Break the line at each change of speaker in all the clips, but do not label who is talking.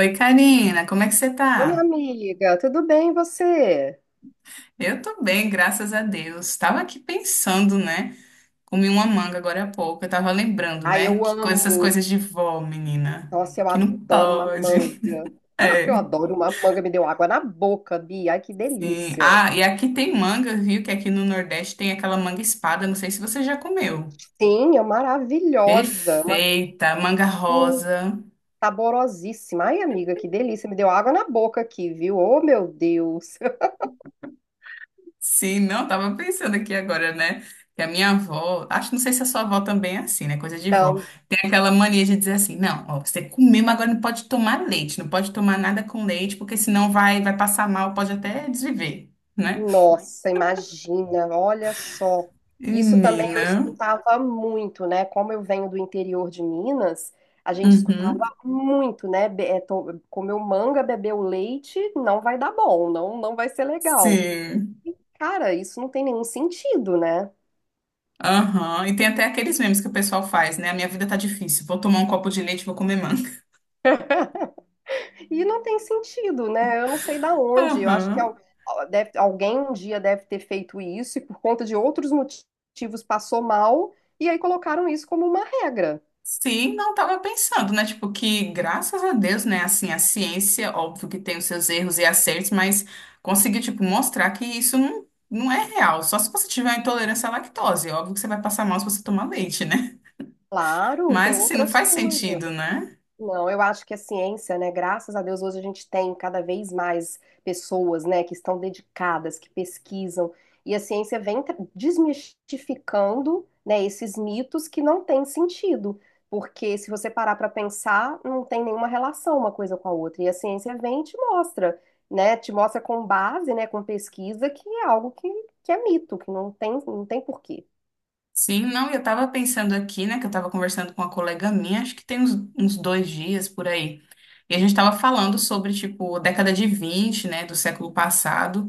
Oi, Karina, como é que você
Ô, minha
tá?
amiga, tudo bem e você?
Eu tô bem, graças a Deus. Tava aqui pensando, né? Comi uma manga agora há pouco. Eu tava lembrando,
Ai,
né?
eu
Que coisas, essas
amo.
coisas de vó, menina.
Nossa, eu
Que não
adoro uma
pode.
manga. Eu
É,
adoro uma manga, me deu água na boca, Bia. Ai, que
sim.
delícia.
Ah, e aqui tem manga, viu? Que aqui no Nordeste tem aquela manga espada. Não sei se você já comeu.
Sim, é maravilhosa. Uma
Perfeita, manga
uh,
rosa.
saborosíssima. Ai, amiga, que delícia. Me deu água na boca aqui, viu? Oh, meu Deus.
Sim, não, eu tava pensando aqui agora, né? Que a minha avó, acho, não sei se a sua avó também é assim, né? Coisa de vó.
Então,
Tem aquela mania de dizer assim, não, ó, você comeu mas agora não pode tomar leite, não pode tomar nada com leite, porque senão vai passar mal, pode até desviver, né?
nossa, imagina, olha só. Isso também eu
Menina.
escutava muito, né? Como eu venho do interior de Minas, a gente escutava
Uhum.
muito, né? Comeu manga, bebeu leite, não vai dar bom, não, não vai ser legal.
Sim.
Cara, isso não tem nenhum sentido, né?
Aham. E tem até aqueles memes que o pessoal faz, né? A minha vida tá difícil, vou tomar um copo de leite, vou comer manga.
E não tem sentido, né? Eu não sei da onde. Eu acho que
Aham.
alguém um dia deve ter feito isso e por conta de outros motivos passou mal e aí colocaram isso como uma regra.
Sim, não estava pensando, né? Tipo, que graças a Deus, né? Assim, a ciência, óbvio que tem os seus erros e acertos, mas conseguiu, tipo, mostrar que isso não é real. Só se você tiver uma intolerância à lactose. Óbvio que você vai passar mal se você tomar leite, né?
Claro, tem
Mas, assim, não
outras
faz
coisas.
sentido, né?
Não, eu acho que a ciência, né? Graças a Deus, hoje a gente tem cada vez mais pessoas, né, que estão dedicadas, que pesquisam, e a ciência vem desmistificando, né, esses mitos que não têm sentido, porque se você parar para pensar, não tem nenhuma relação uma coisa com a outra, e a ciência vem e te mostra, né, te mostra com base, né, com pesquisa, que é algo que é mito, que não tem, não tem porquê.
Sim, não, e eu tava pensando aqui, né? Que eu tava conversando com uma colega minha, acho que tem uns 2 dias por aí. E a gente estava falando sobre, tipo, década de 20, né, do século passado,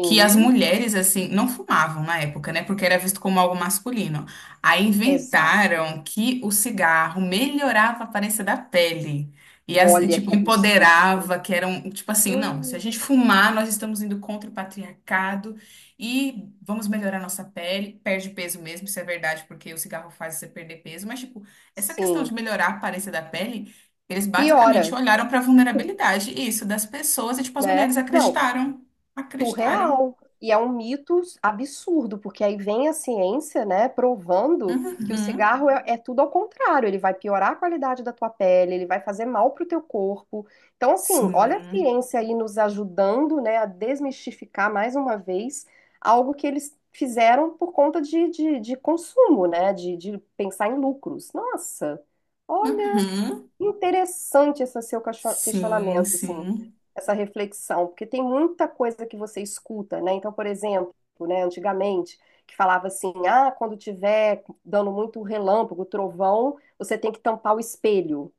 que as mulheres, assim, não fumavam na época, né, porque era visto como algo masculino. Aí
exato.
inventaram que o cigarro melhorava a aparência da pele.
Olha que
Tipo,
absurdo.
empoderava, que eram, tipo assim, não, se a
Hum,
gente fumar, nós estamos indo contra o patriarcado e vamos melhorar nossa pele. Perde peso mesmo, isso é verdade, porque o cigarro faz você perder peso, mas, tipo, essa questão
Sim,
de melhorar a aparência da pele eles basicamente
piora,
olharam para a vulnerabilidade, isso, das pessoas, e tipo, as
né?
mulheres
Não,
acreditaram. Acreditaram.
surreal. E é um mito absurdo, porque aí vem a ciência, né, provando que o
Uhum.
cigarro é, é tudo ao contrário. Ele vai piorar a qualidade da tua pele, ele vai fazer mal pro teu corpo. Então, assim, olha a
Sim.
ciência aí nos ajudando, né, a desmistificar mais uma vez algo que eles fizeram por conta de consumo, né, de pensar em lucros. Nossa, olha.
Uhum.
Interessante esse seu
Sim,
questionamento, assim,
sim.
essa reflexão, porque tem muita coisa que você escuta, né? Então, por exemplo, né, antigamente, que falava assim, ah, quando tiver dando muito relâmpago, trovão, você tem que tampar o espelho.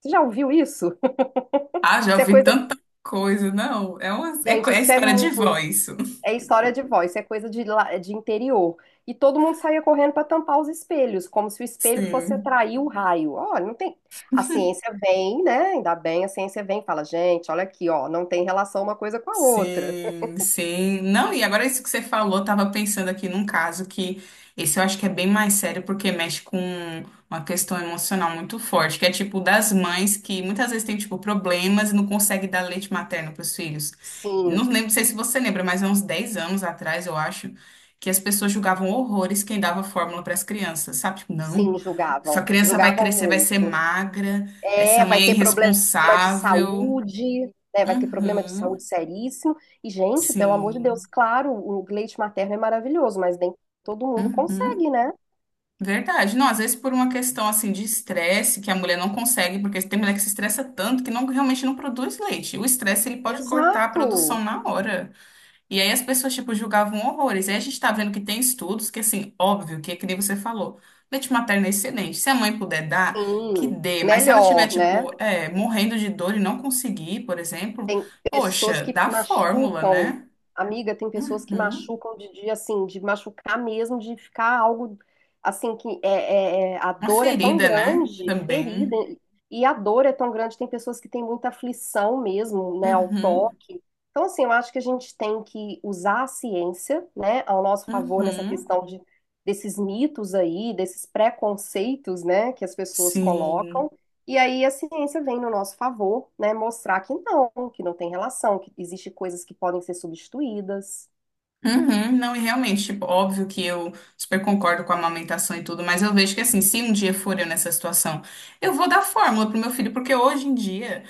Você já ouviu isso?
Ah, já
Isso é
ouvi
coisa,
tanta coisa, não. É uma,
gente,
é
isso é
história de vó, isso.
é história de voz, isso é coisa de, de interior. E todo mundo saía correndo para tampar os espelhos, como se o espelho fosse
Sim.
atrair o raio. Olha, não tem. A ciência vem, né? Ainda bem, a ciência vem e fala, gente, olha aqui, ó, não tem relação uma coisa com a outra.
Sim, sim. Não, e agora isso que você falou, eu tava pensando aqui num caso que esse eu acho que é bem mais sério porque mexe com uma questão emocional muito forte, que é tipo das mães que muitas vezes têm tipo problemas e não conseguem dar leite materno para os filhos.
Sim,
Não lembro, não sei se você lembra, mas há uns 10 anos atrás, eu acho, que as pessoas julgavam horrores quem dava fórmula para as crianças, sabe? Tipo, não,
sim, julgavam.
sua criança vai
Julgavam
crescer, vai ser
muito.
magra, essa
É, vai
mãe é
ter problema de
irresponsável.
saúde, né? Vai ter problema de saúde
Uhum.
seríssimo. E, gente, pelo amor de Deus,
Sim.
claro, o leite materno é maravilhoso, mas nem todo mundo
Uhum,
consegue, né?
verdade. Não, às vezes por uma questão assim de estresse que a mulher não consegue, porque tem mulher que se estressa tanto que não realmente não produz leite. O estresse ele pode cortar a
Exato.
produção na hora. E aí as pessoas tipo julgavam horrores. E aí a gente tá vendo que tem estudos que assim, óbvio, que é que nem você falou, leite materno é excelente. Se a mãe puder dar, que
Sim,
dê, mas se ela tiver
melhor, né?
tipo, morrendo de dor e não conseguir, por exemplo,
Tem pessoas
poxa,
que
dá fórmula,
machucam,
né?
amiga, tem pessoas que
Uhum.
machucam de assim, de machucar mesmo, de ficar algo assim que é, a
Uma
dor é tão
ferida, né?
grande, ferida,
Também.
e a dor é tão grande, tem pessoas que têm muita aflição mesmo, né, ao
Uhum.
toque. Então, assim, eu acho que a gente tem que usar a ciência, né, ao nosso favor nessa
Uhum,
questão de, desses mitos aí, desses preconceitos, né, que as pessoas colocam
sim.
e aí a ciência vem no nosso favor, né, mostrar que não tem relação, que existe coisas que podem ser substituídas,
Uhum, não, e realmente, tipo, óbvio que eu super concordo com a amamentação e tudo, mas eu vejo que assim, se um dia for eu nessa situação, eu vou dar fórmula pro meu filho, porque hoje em dia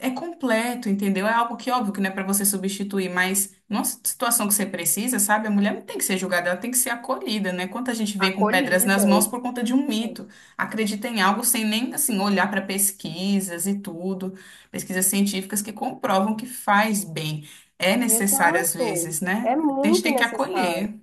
é completo, entendeu? É algo que, óbvio, que não é para você substituir, mas numa situação que você precisa, sabe? A mulher não tem que ser julgada, ela tem que ser acolhida, né? Quanta gente vem com pedras nas
acolhida.
mãos por conta de um mito, acredita em algo sem nem, assim, olhar para pesquisas e tudo, pesquisas científicas que comprovam que faz bem. É necessário às
Exato.
vezes, né?
É
A gente
muito
tem que
necessário
acolher.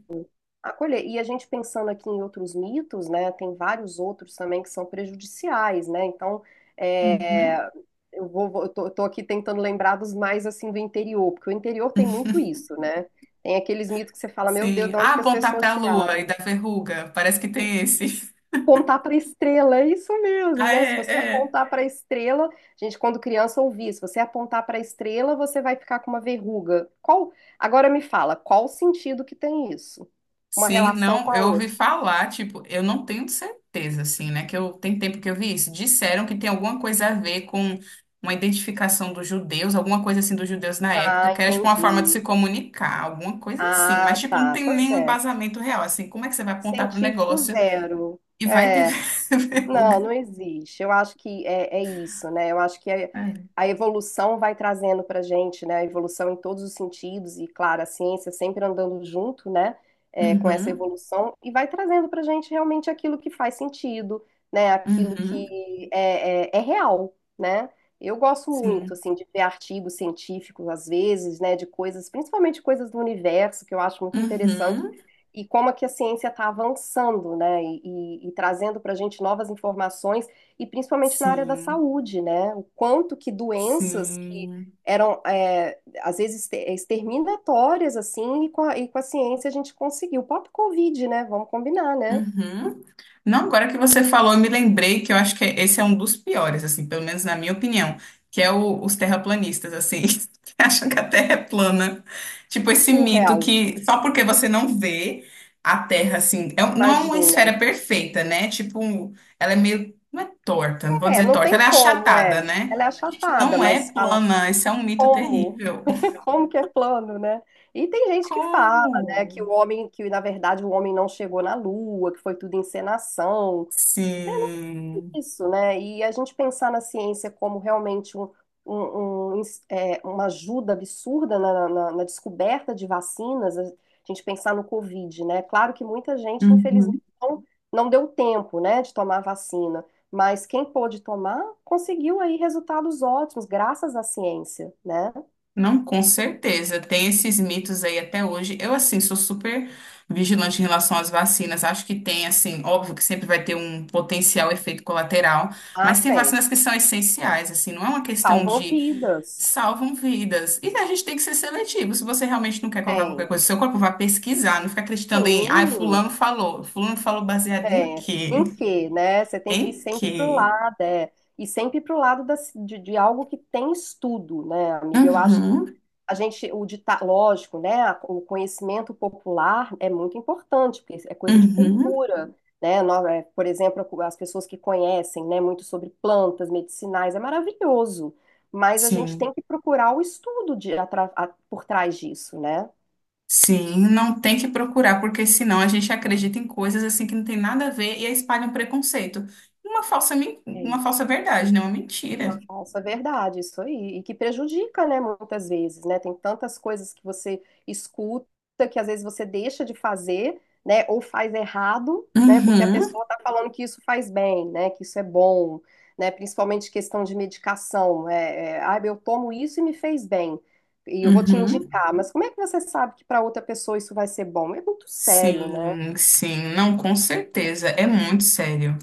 acolher. E a gente pensando aqui em outros mitos, né, tem vários outros também que são prejudiciais, né? Então, é,
Uhum.
eu tô aqui tentando lembrar dos mais assim do interior, porque o interior tem muito isso, né? Tem aqueles mitos que você fala, meu Deus,
Sim.
de
Ah,
onde que as
apontar para
pessoas
a lua e
tiraram?
dar verruga, parece que tem esse.
Apontar para a estrela, é isso mesmo,
Ah,
né? Se
é,
você
é.
apontar para a estrela, gente, quando criança ouvia, se você apontar para a estrela, você vai ficar com uma verruga. Qual? Agora me fala, qual o sentido que tem isso? Uma
Sim,
relação com
não,
a
eu ouvi
outra.
falar, tipo, eu não tenho certeza, assim, né? Que eu tem tempo que eu vi isso. Disseram que tem alguma coisa a ver com uma identificação dos judeus, alguma coisa assim dos judeus na época,
Ah,
que era tipo uma forma de
entendi.
se comunicar, alguma coisa assim. Mas,
Ah,
tipo, não
tá.
tem
Pois
nenhum
é.
embasamento real, assim. Como é que você vai apontar pro
Científico
negócio
zero.
e vai ter
É. Não,
verruga?
não existe. Eu acho que é, é isso, né? Eu acho que
É.
a evolução vai trazendo para gente, né? A evolução em todos os sentidos, e claro, a ciência sempre andando junto, né? É, com essa
Uhum,
evolução, e vai trazendo para gente realmente aquilo que faz sentido, né? Aquilo que
uhum,
é, é, é real, né? Eu gosto muito,
sim.
assim, de ver artigos científicos, às vezes, né? De coisas, principalmente coisas do universo, que eu acho muito interessante
Uhum,
e como é que a ciência está avançando, né? E, e trazendo para a gente novas informações, e principalmente na área da
sim,
saúde, né? O quanto que doenças que
sim.
eram, é, às vezes, exterminatórias, assim, e com a ciência a gente conseguiu. O próprio Covid, né? Vamos combinar, né?
Uhum. Não, agora que você falou, eu me lembrei que eu acho que esse é um dos piores, assim, pelo menos na minha opinião, os terraplanistas, assim, que acham que a Terra é plana. Tipo, esse mito
Surreal,
que só porque você não vê a Terra, assim, não é uma
imagina.
esfera perfeita, né? Tipo, ela é meio, não é torta, não vou
É,
dizer
não
torta,
tem
ela é
como,
achatada,
é.
né?
Ela é
Gente,
achatada,
não é
mas fala.
plana, esse é um mito
Como?
terrível.
Como que é plano, né? E tem gente que fala, né,
Como?
que o homem, que na verdade o homem não chegou na Lua, que foi tudo encenação. É, não tem
Sim.
isso, né? E a gente pensar na ciência como realmente um, é, uma ajuda absurda na, na descoberta de vacinas, a gente pensar no Covid, né? Claro que muita gente, infelizmente,
Uhum.
não, não deu tempo, né, de tomar a vacina, mas quem pôde tomar conseguiu aí resultados ótimos, graças à ciência, né?
Não, com certeza. Tem esses mitos aí até hoje. Eu, assim, sou super vigilante em relação às vacinas. Acho que tem, assim, óbvio que sempre vai ter um potencial efeito colateral,
Ah,
mas tem
sim.
vacinas que são essenciais, assim, não é uma questão
Salvam
de
vidas.
salvam vidas. E a gente tem que ser seletivo. Se você realmente não quer colocar qualquer
Tem.
coisa, no seu corpo vai pesquisar, não fica acreditando em, ah,
Sim,
fulano falou. Fulano falou baseado em
é.
quê?
Em que, né? Você tem que ir
Em
sempre pro
quê?
lado, é. E sempre pro lado da, de algo que tem estudo, né, amiga? Eu acho que
Uhum,
a gente, o dita, lógico, né? O conhecimento popular é muito importante, porque é coisa de
uhum,
cultura, né? Por exemplo, as pessoas que conhecem, né, muito sobre plantas medicinais, é maravilhoso. Mas a gente
sim.
tem que procurar o estudo de, por trás disso, né?
Sim, não tem que procurar, porque senão a gente acredita em coisas assim que não tem nada a ver e aí espalha um preconceito. Uma
É
uma
isso.
falsa verdade, né? Uma
Uma
mentira.
falsa verdade, isso aí. E que prejudica, né, muitas vezes, né? Tem tantas coisas que você escuta que às vezes você deixa de fazer, né, ou faz errado, né, porque a
Uhum,
pessoa tá falando que isso faz bem, né, que isso é bom, né, principalmente questão de medicação. É, é, ah, eu tomo isso e me fez bem, e eu vou te
uhum.
indicar, mas como é que você sabe que para outra pessoa isso vai ser bom? É muito sério, né?
Sim, sim, não, com certeza, é muito sério.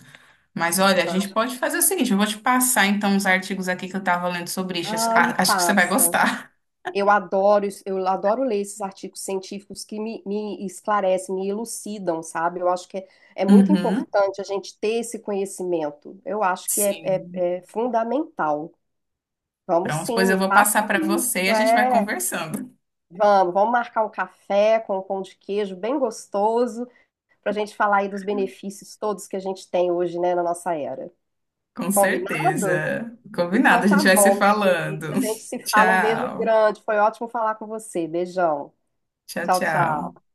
Mas olha, a
Eu
gente
acho.
pode fazer o seguinte, eu vou te passar então os artigos aqui que eu tava lendo sobre isso,
Ah, me
Acho que você vai
passa.
gostar.
Eu adoro, eu adoro ler esses artigos científicos que me esclarecem, me elucidam, sabe? Eu acho que é, é muito
Uhum.
importante a gente ter esse conhecimento. Eu acho que é,
Sim.
é fundamental. Vamos
Pronto,
sim,
pois eu
me
vou
passa
passar para você e
isso,
a gente vai
é.
conversando.
Vamos, vamos marcar um café com um pão de queijo bem gostoso para a gente falar aí dos benefícios todos que a gente tem hoje, né, na nossa era.
Com
Combinado?
certeza.
Então
Combinado, a
tá
gente vai se
bom, minha querida.
falando.
A gente se fala. Um beijo
Tchau.
grande. Foi ótimo falar com você. Beijão.
Tchau,
Tchau,
tchau.
tchau.